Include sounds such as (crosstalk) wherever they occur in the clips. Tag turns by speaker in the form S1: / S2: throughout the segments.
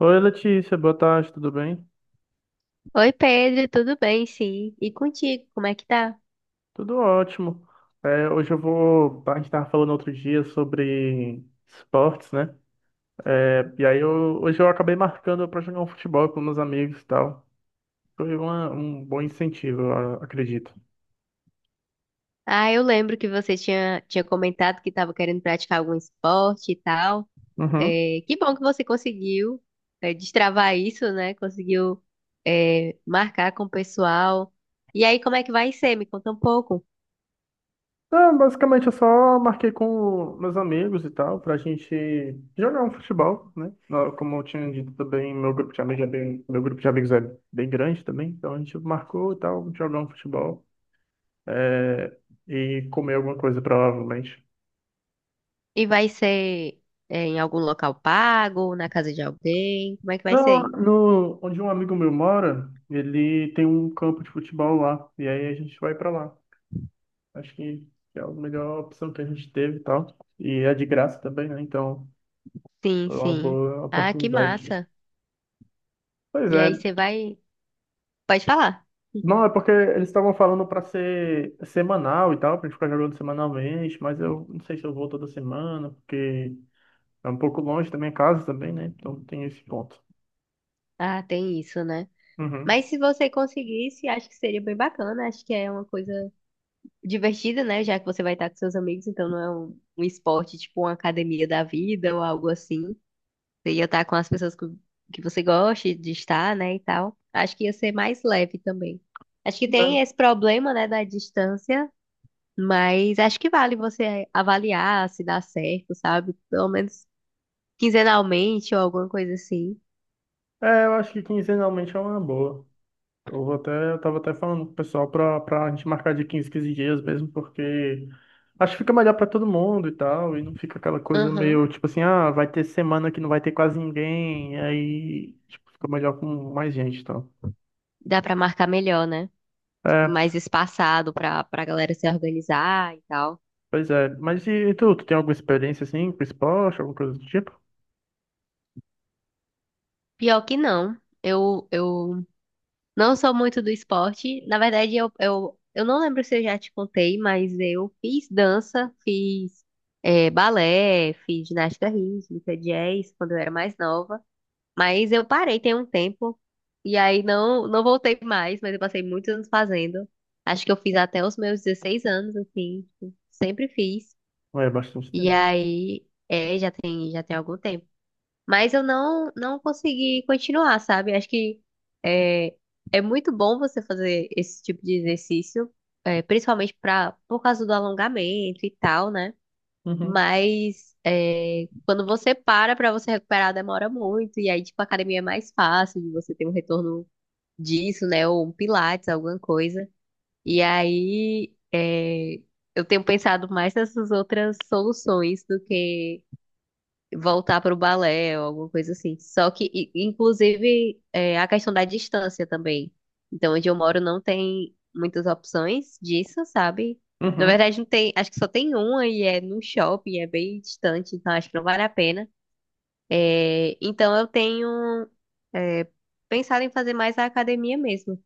S1: Oi, Letícia, boa tarde, tudo bem?
S2: Oi, Pedro, tudo bem? Sim. E contigo, como é que tá?
S1: Tudo ótimo. Hoje eu vou. A gente estava falando outro dia sobre esportes, né? Hoje eu acabei marcando para jogar um futebol com meus amigos e tal. Foi um bom incentivo, eu acredito.
S2: Ah, eu lembro que você tinha comentado que estava querendo praticar algum esporte e tal.
S1: Uhum.
S2: É, que bom que você conseguiu, destravar isso, né? Conseguiu, marcar com o pessoal. E aí, como é que vai ser? Me conta um pouco.
S1: Ah, basicamente eu só marquei com meus amigos e tal, pra gente jogar um futebol, né? Ah, como eu tinha dito também, meu grupo de amigos é bem grande também, então a gente marcou e tal, jogar um futebol. é, e comer alguma coisa, provavelmente.
S2: E vai ser, em algum local pago, na casa de alguém? Como é que vai
S1: Não,
S2: ser?
S1: no, Onde um amigo meu mora, ele tem um campo de futebol lá, e aí a gente vai pra lá. Acho que é a melhor opção que a gente teve e tal. E é de graça também, né? Então,
S2: Sim,
S1: é uma
S2: sim.
S1: boa
S2: Ah, que
S1: oportunidade.
S2: massa.
S1: Pois
S2: E
S1: é.
S2: aí, você vai. Pode falar.
S1: Não, é porque eles estavam falando pra ser semanal e tal, pra gente ficar jogando semanalmente, mas eu não sei se eu vou toda semana, porque é um pouco longe da minha casa também, né? Então tem esse ponto.
S2: Ah, tem isso, né?
S1: Uhum.
S2: Mas se você conseguisse, acho que seria bem bacana, né? Acho que é uma coisa divertida, né? Já que você vai estar com seus amigos, então não é um esporte tipo uma academia da vida ou algo assim. Você ia estar com as que você gosta de estar, né? E tal. Acho que ia ser mais leve também. Acho que tem esse problema, né, da distância, mas acho que vale você avaliar se dá certo, sabe? Pelo menos quinzenalmente ou alguma coisa assim.
S1: É, eu acho que quinzenalmente é uma boa. Eu tava até falando com o pessoal pra gente marcar de 15, 15 dias mesmo, porque acho que fica melhor pra todo mundo e tal, e não fica aquela coisa
S2: Aham.
S1: meio tipo assim, ah, vai ter semana que não vai ter quase ninguém, aí tipo, fica melhor com mais gente e tal.
S2: Dá pra marcar melhor, né?
S1: É,
S2: Mais espaçado pra galera se organizar e tal.
S1: pois é. Mas tu tem alguma experiência assim com esporte, alguma coisa do tipo?
S2: Pior que não. Eu não sou muito do esporte. Na verdade, eu não lembro se eu já te contei, mas eu fiz dança, fiz balé, fiz ginástica rítmica, jazz, quando eu era mais nova. Mas eu parei tem um tempo. E aí não voltei mais, mas eu passei muitos anos fazendo. Acho que eu fiz até os meus 16 anos, assim. Tipo, sempre fiz.
S1: Ou é bastante
S2: E
S1: tempo.
S2: aí, é, já tem algum tempo. Mas eu não consegui continuar, sabe? Acho que é, é muito bom você fazer esse tipo de exercício, é, principalmente por causa do alongamento e tal, né?
S1: Uhum,
S2: Mas é, quando você para pra você recuperar, demora muito. E aí, tipo, a academia é mais fácil de você ter um retorno disso, né? Ou um pilates, alguma coisa. E aí, é, eu tenho pensado mais nessas outras soluções do que voltar para o balé ou alguma coisa assim. Só que, inclusive, é, a questão da distância também. Então, onde eu moro não tem muitas opções disso, sabe? Na
S1: uhum.
S2: verdade, não tem, acho que só tem uma e é no shopping, é bem distante, então acho que não vale a pena. É, então, eu tenho, é, pensado em fazer mais a academia mesmo.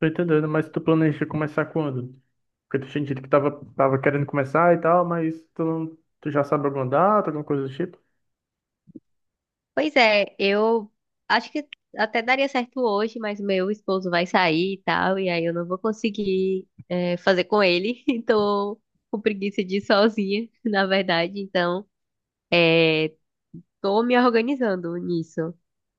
S1: Tô entendendo, mas tu planeja começar quando? Porque tu tinha dito que tava, tava querendo começar e tal, mas tu, não, tu já sabe alguma data, alguma coisa do tipo?
S2: Pois é, eu acho que até daria certo hoje, mas meu esposo vai sair e tal, e aí eu não vou conseguir, é, fazer com ele, (laughs) e tô com preguiça de ir sozinha, (laughs) na verdade, então é, tô me organizando nisso.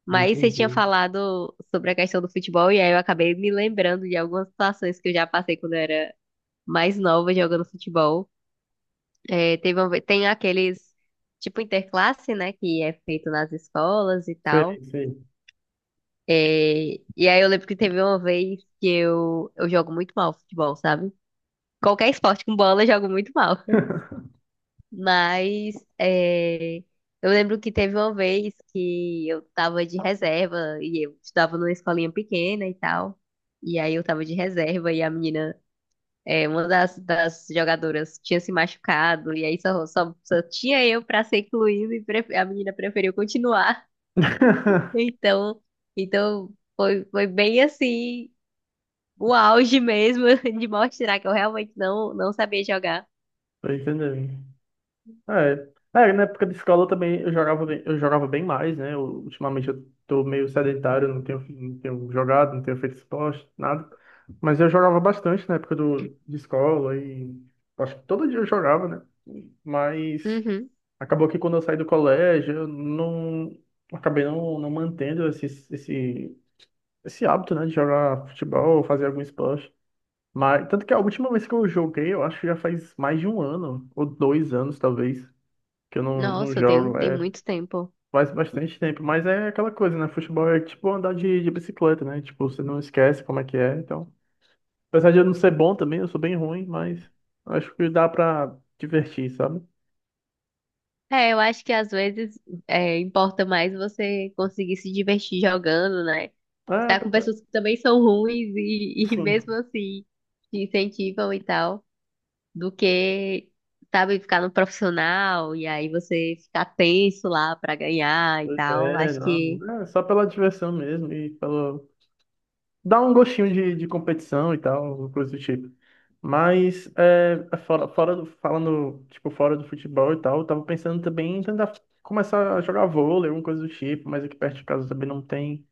S2: Mas você tinha
S1: Entendi.
S2: falado sobre a questão do futebol, e aí eu acabei me lembrando de algumas situações que eu já passei quando eu era mais nova jogando futebol. É, teve uma tem aqueles, tipo interclasse, né, que é feito nas escolas e
S1: Sei,
S2: tal.
S1: sei.
S2: É, e aí eu lembro que teve uma vez que eu jogo muito mal futebol, sabe? Qualquer esporte com bola eu jogo muito mal. Mas é, eu lembro que teve uma vez que eu tava de reserva e eu estudava numa escolinha pequena e tal. E aí eu tava de reserva e a uma das jogadoras tinha se machucado e aí só tinha eu pra ser incluído e a menina preferiu continuar. (laughs)
S1: (laughs)
S2: Então, então foi bem assim o auge mesmo (laughs) de mostrar que eu realmente não sabia jogar.
S1: Tô entendendo. É. É, na época de escola também eu jogava bem mais, né? Eu- ultimamente eu tô meio sedentário, não tenho jogado, não tenho feito esporte, nada. Mas eu jogava bastante na época de escola e acho que todo dia eu jogava, né? Mas.
S2: Uhum.
S1: Acabou que quando eu saí do colégio, eu não acabei não mantendo esse, esse hábito, né, de jogar futebol ou fazer algum esporte. Mas tanto que a última vez que eu joguei, eu acho que já faz mais de um ano, ou dois anos talvez, que eu não
S2: Nossa,
S1: jogo.
S2: tem
S1: É,
S2: muito tempo.
S1: faz bastante tempo. Mas é aquela coisa, né? Futebol é tipo andar de bicicleta, né? Tipo, você não esquece como é que é. Então, apesar de eu não ser bom também, eu sou bem ruim, mas acho que dá pra divertir, sabe?
S2: É, eu acho que às vezes importa mais você conseguir se divertir jogando, né?
S1: É,
S2: Estar com
S1: apesar-
S2: pessoas que também são ruins e, (laughs) e mesmo
S1: sim.
S2: assim te incentivam e tal, do que, sabe, ficar no profissional e aí você ficar tenso lá pra ganhar e
S1: Pois
S2: tal.
S1: é,
S2: Acho que
S1: não, é só pela diversão mesmo e pelo... dá um gostinho de competição e tal, coisa do tipo. Mas fora do, falando tipo fora do futebol e tal, eu tava pensando também em tentar começar a jogar vôlei, alguma coisa do tipo, mas aqui perto de casa também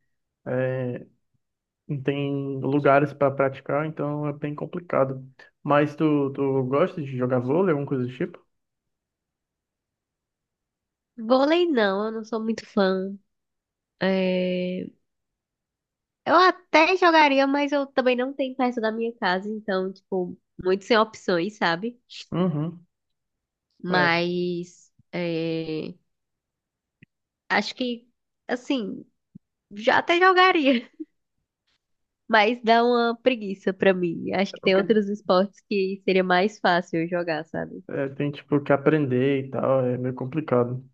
S1: não tem lugares para praticar, então é bem complicado. Mas tu gosta de jogar vôlei, alguma coisa do tipo?
S2: vôlei não, eu não sou muito fã. É, eu até jogaria, mas eu também não tenho perto da minha casa, então, tipo, muito sem opções, sabe?
S1: Uhum. É,
S2: Mas é, acho que, assim, já até jogaria, (laughs) mas dá uma preguiça pra mim. Acho
S1: é
S2: que tem
S1: porque
S2: outros esportes que seria mais fácil eu jogar, sabe?
S1: é, tem tipo que aprender e tal, é meio complicado.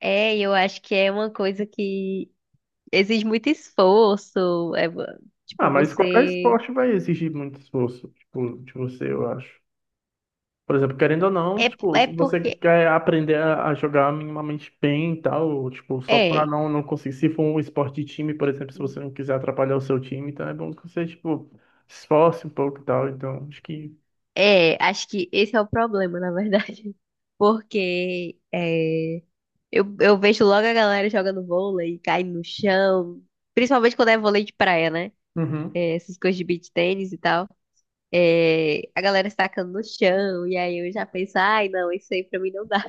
S2: É, eu acho que é uma coisa que exige muito esforço, é,
S1: Ah,
S2: tipo,
S1: mas qualquer
S2: você...
S1: esporte vai exigir muito esforço, tipo, de você, eu acho. Por exemplo, querendo ou não,
S2: É,
S1: tipo,
S2: é
S1: se você
S2: porque...
S1: quer aprender a jogar minimamente bem e tal, tipo, só pra
S2: É,
S1: não conseguir. Se for um esporte de time, por exemplo, se você não quiser atrapalhar o seu time, então é bom que você, tipo, se esforce um pouco e tal. Então, acho que.
S2: é, acho que esse é o problema, na verdade. Porque é, eu vejo logo a galera jogando vôlei, cai no chão. Principalmente quando é vôlei de praia, né?
S1: Uhum.
S2: É, essas coisas de beach tênis e tal. É, a galera se tacando no chão. E aí eu já penso, ai, não, isso aí pra mim não dá.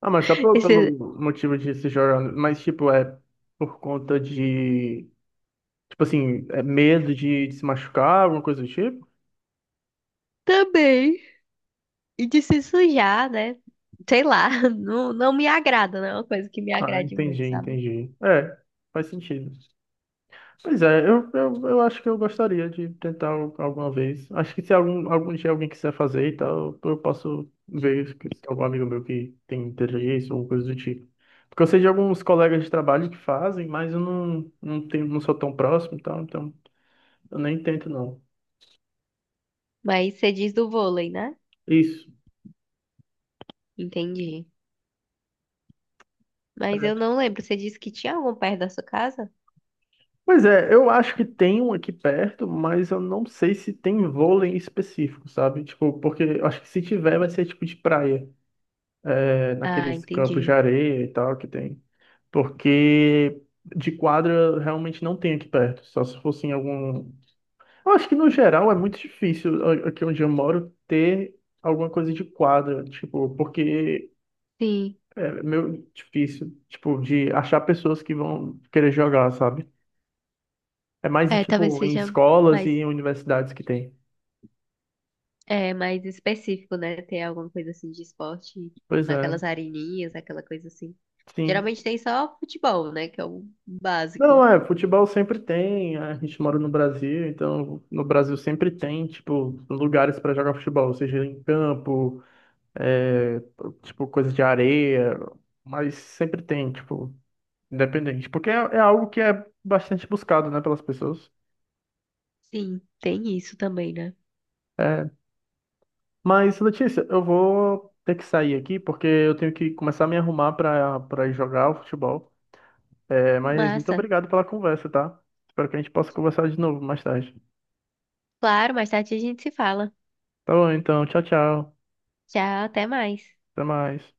S1: Ah, mas só
S2: (laughs) Esse,
S1: pelo motivo de se jogar. Mas, tipo, é por conta de. Tipo assim, é medo de se machucar, alguma coisa do tipo?
S2: também. E de se sujar, né? Sei lá, (laughs) não me agrada, não é uma coisa que me
S1: Ah,
S2: agrade muito,
S1: entendi,
S2: sabe?
S1: entendi. É. Faz sentido. Pois é, eu acho que eu gostaria de tentar alguma vez. Acho que se algum dia alguém quiser fazer e tal, eu posso ver se tem algum amigo meu que tem interesse ou coisa do tipo. Porque eu sei de alguns colegas de trabalho que fazem, mas eu não tenho, não sou tão próximo e tal, então eu nem tento não.
S2: Mas você diz do vôlei, né?
S1: Isso.
S2: Entendi. Mas eu não lembro. Você disse que tinha algum perto da sua casa?
S1: Pois é, eu acho que tem um aqui perto, mas eu não sei se tem vôlei em específico, sabe? Tipo, porque eu acho que se tiver vai ser tipo de praia, é,
S2: Ah,
S1: naqueles campos de
S2: entendi.
S1: areia e tal que tem. Porque de quadra eu realmente não tem aqui perto. Só se fosse em algum. Eu acho que no geral é muito difícil a- aqui onde eu moro ter alguma coisa de quadra, tipo, porque
S2: Sim.
S1: é meio difícil, tipo, de achar pessoas que vão querer jogar, sabe? É mais
S2: É, talvez
S1: tipo em
S2: seja
S1: escolas e
S2: mais,
S1: em universidades que tem.
S2: é, mais específico, né? Ter alguma coisa assim de esporte, tipo,
S1: Pois é,
S2: naquelas areninhas, aquela coisa assim.
S1: sim.
S2: Geralmente tem só futebol, né? Que é o básico.
S1: Não, é, futebol sempre tem, é, a gente mora no Brasil, então no Brasil sempre tem, tipo, lugares para jogar futebol, seja em campo é, tipo, coisa de areia, mas sempre tem, tipo, independente, porque é algo que é bastante buscado, né, pelas pessoas.
S2: Sim, tem isso também, né?
S1: É, mas, Letícia, eu vou ter que sair aqui, porque eu tenho que começar a me arrumar para ir jogar o futebol. É, mas muito
S2: Massa.
S1: obrigado pela conversa, tá? Espero que a gente possa conversar de novo mais tarde.
S2: Claro, mais tarde a gente se fala.
S1: Tá bom, então, tchau, tchau.
S2: Tchau, até mais.
S1: Até mais.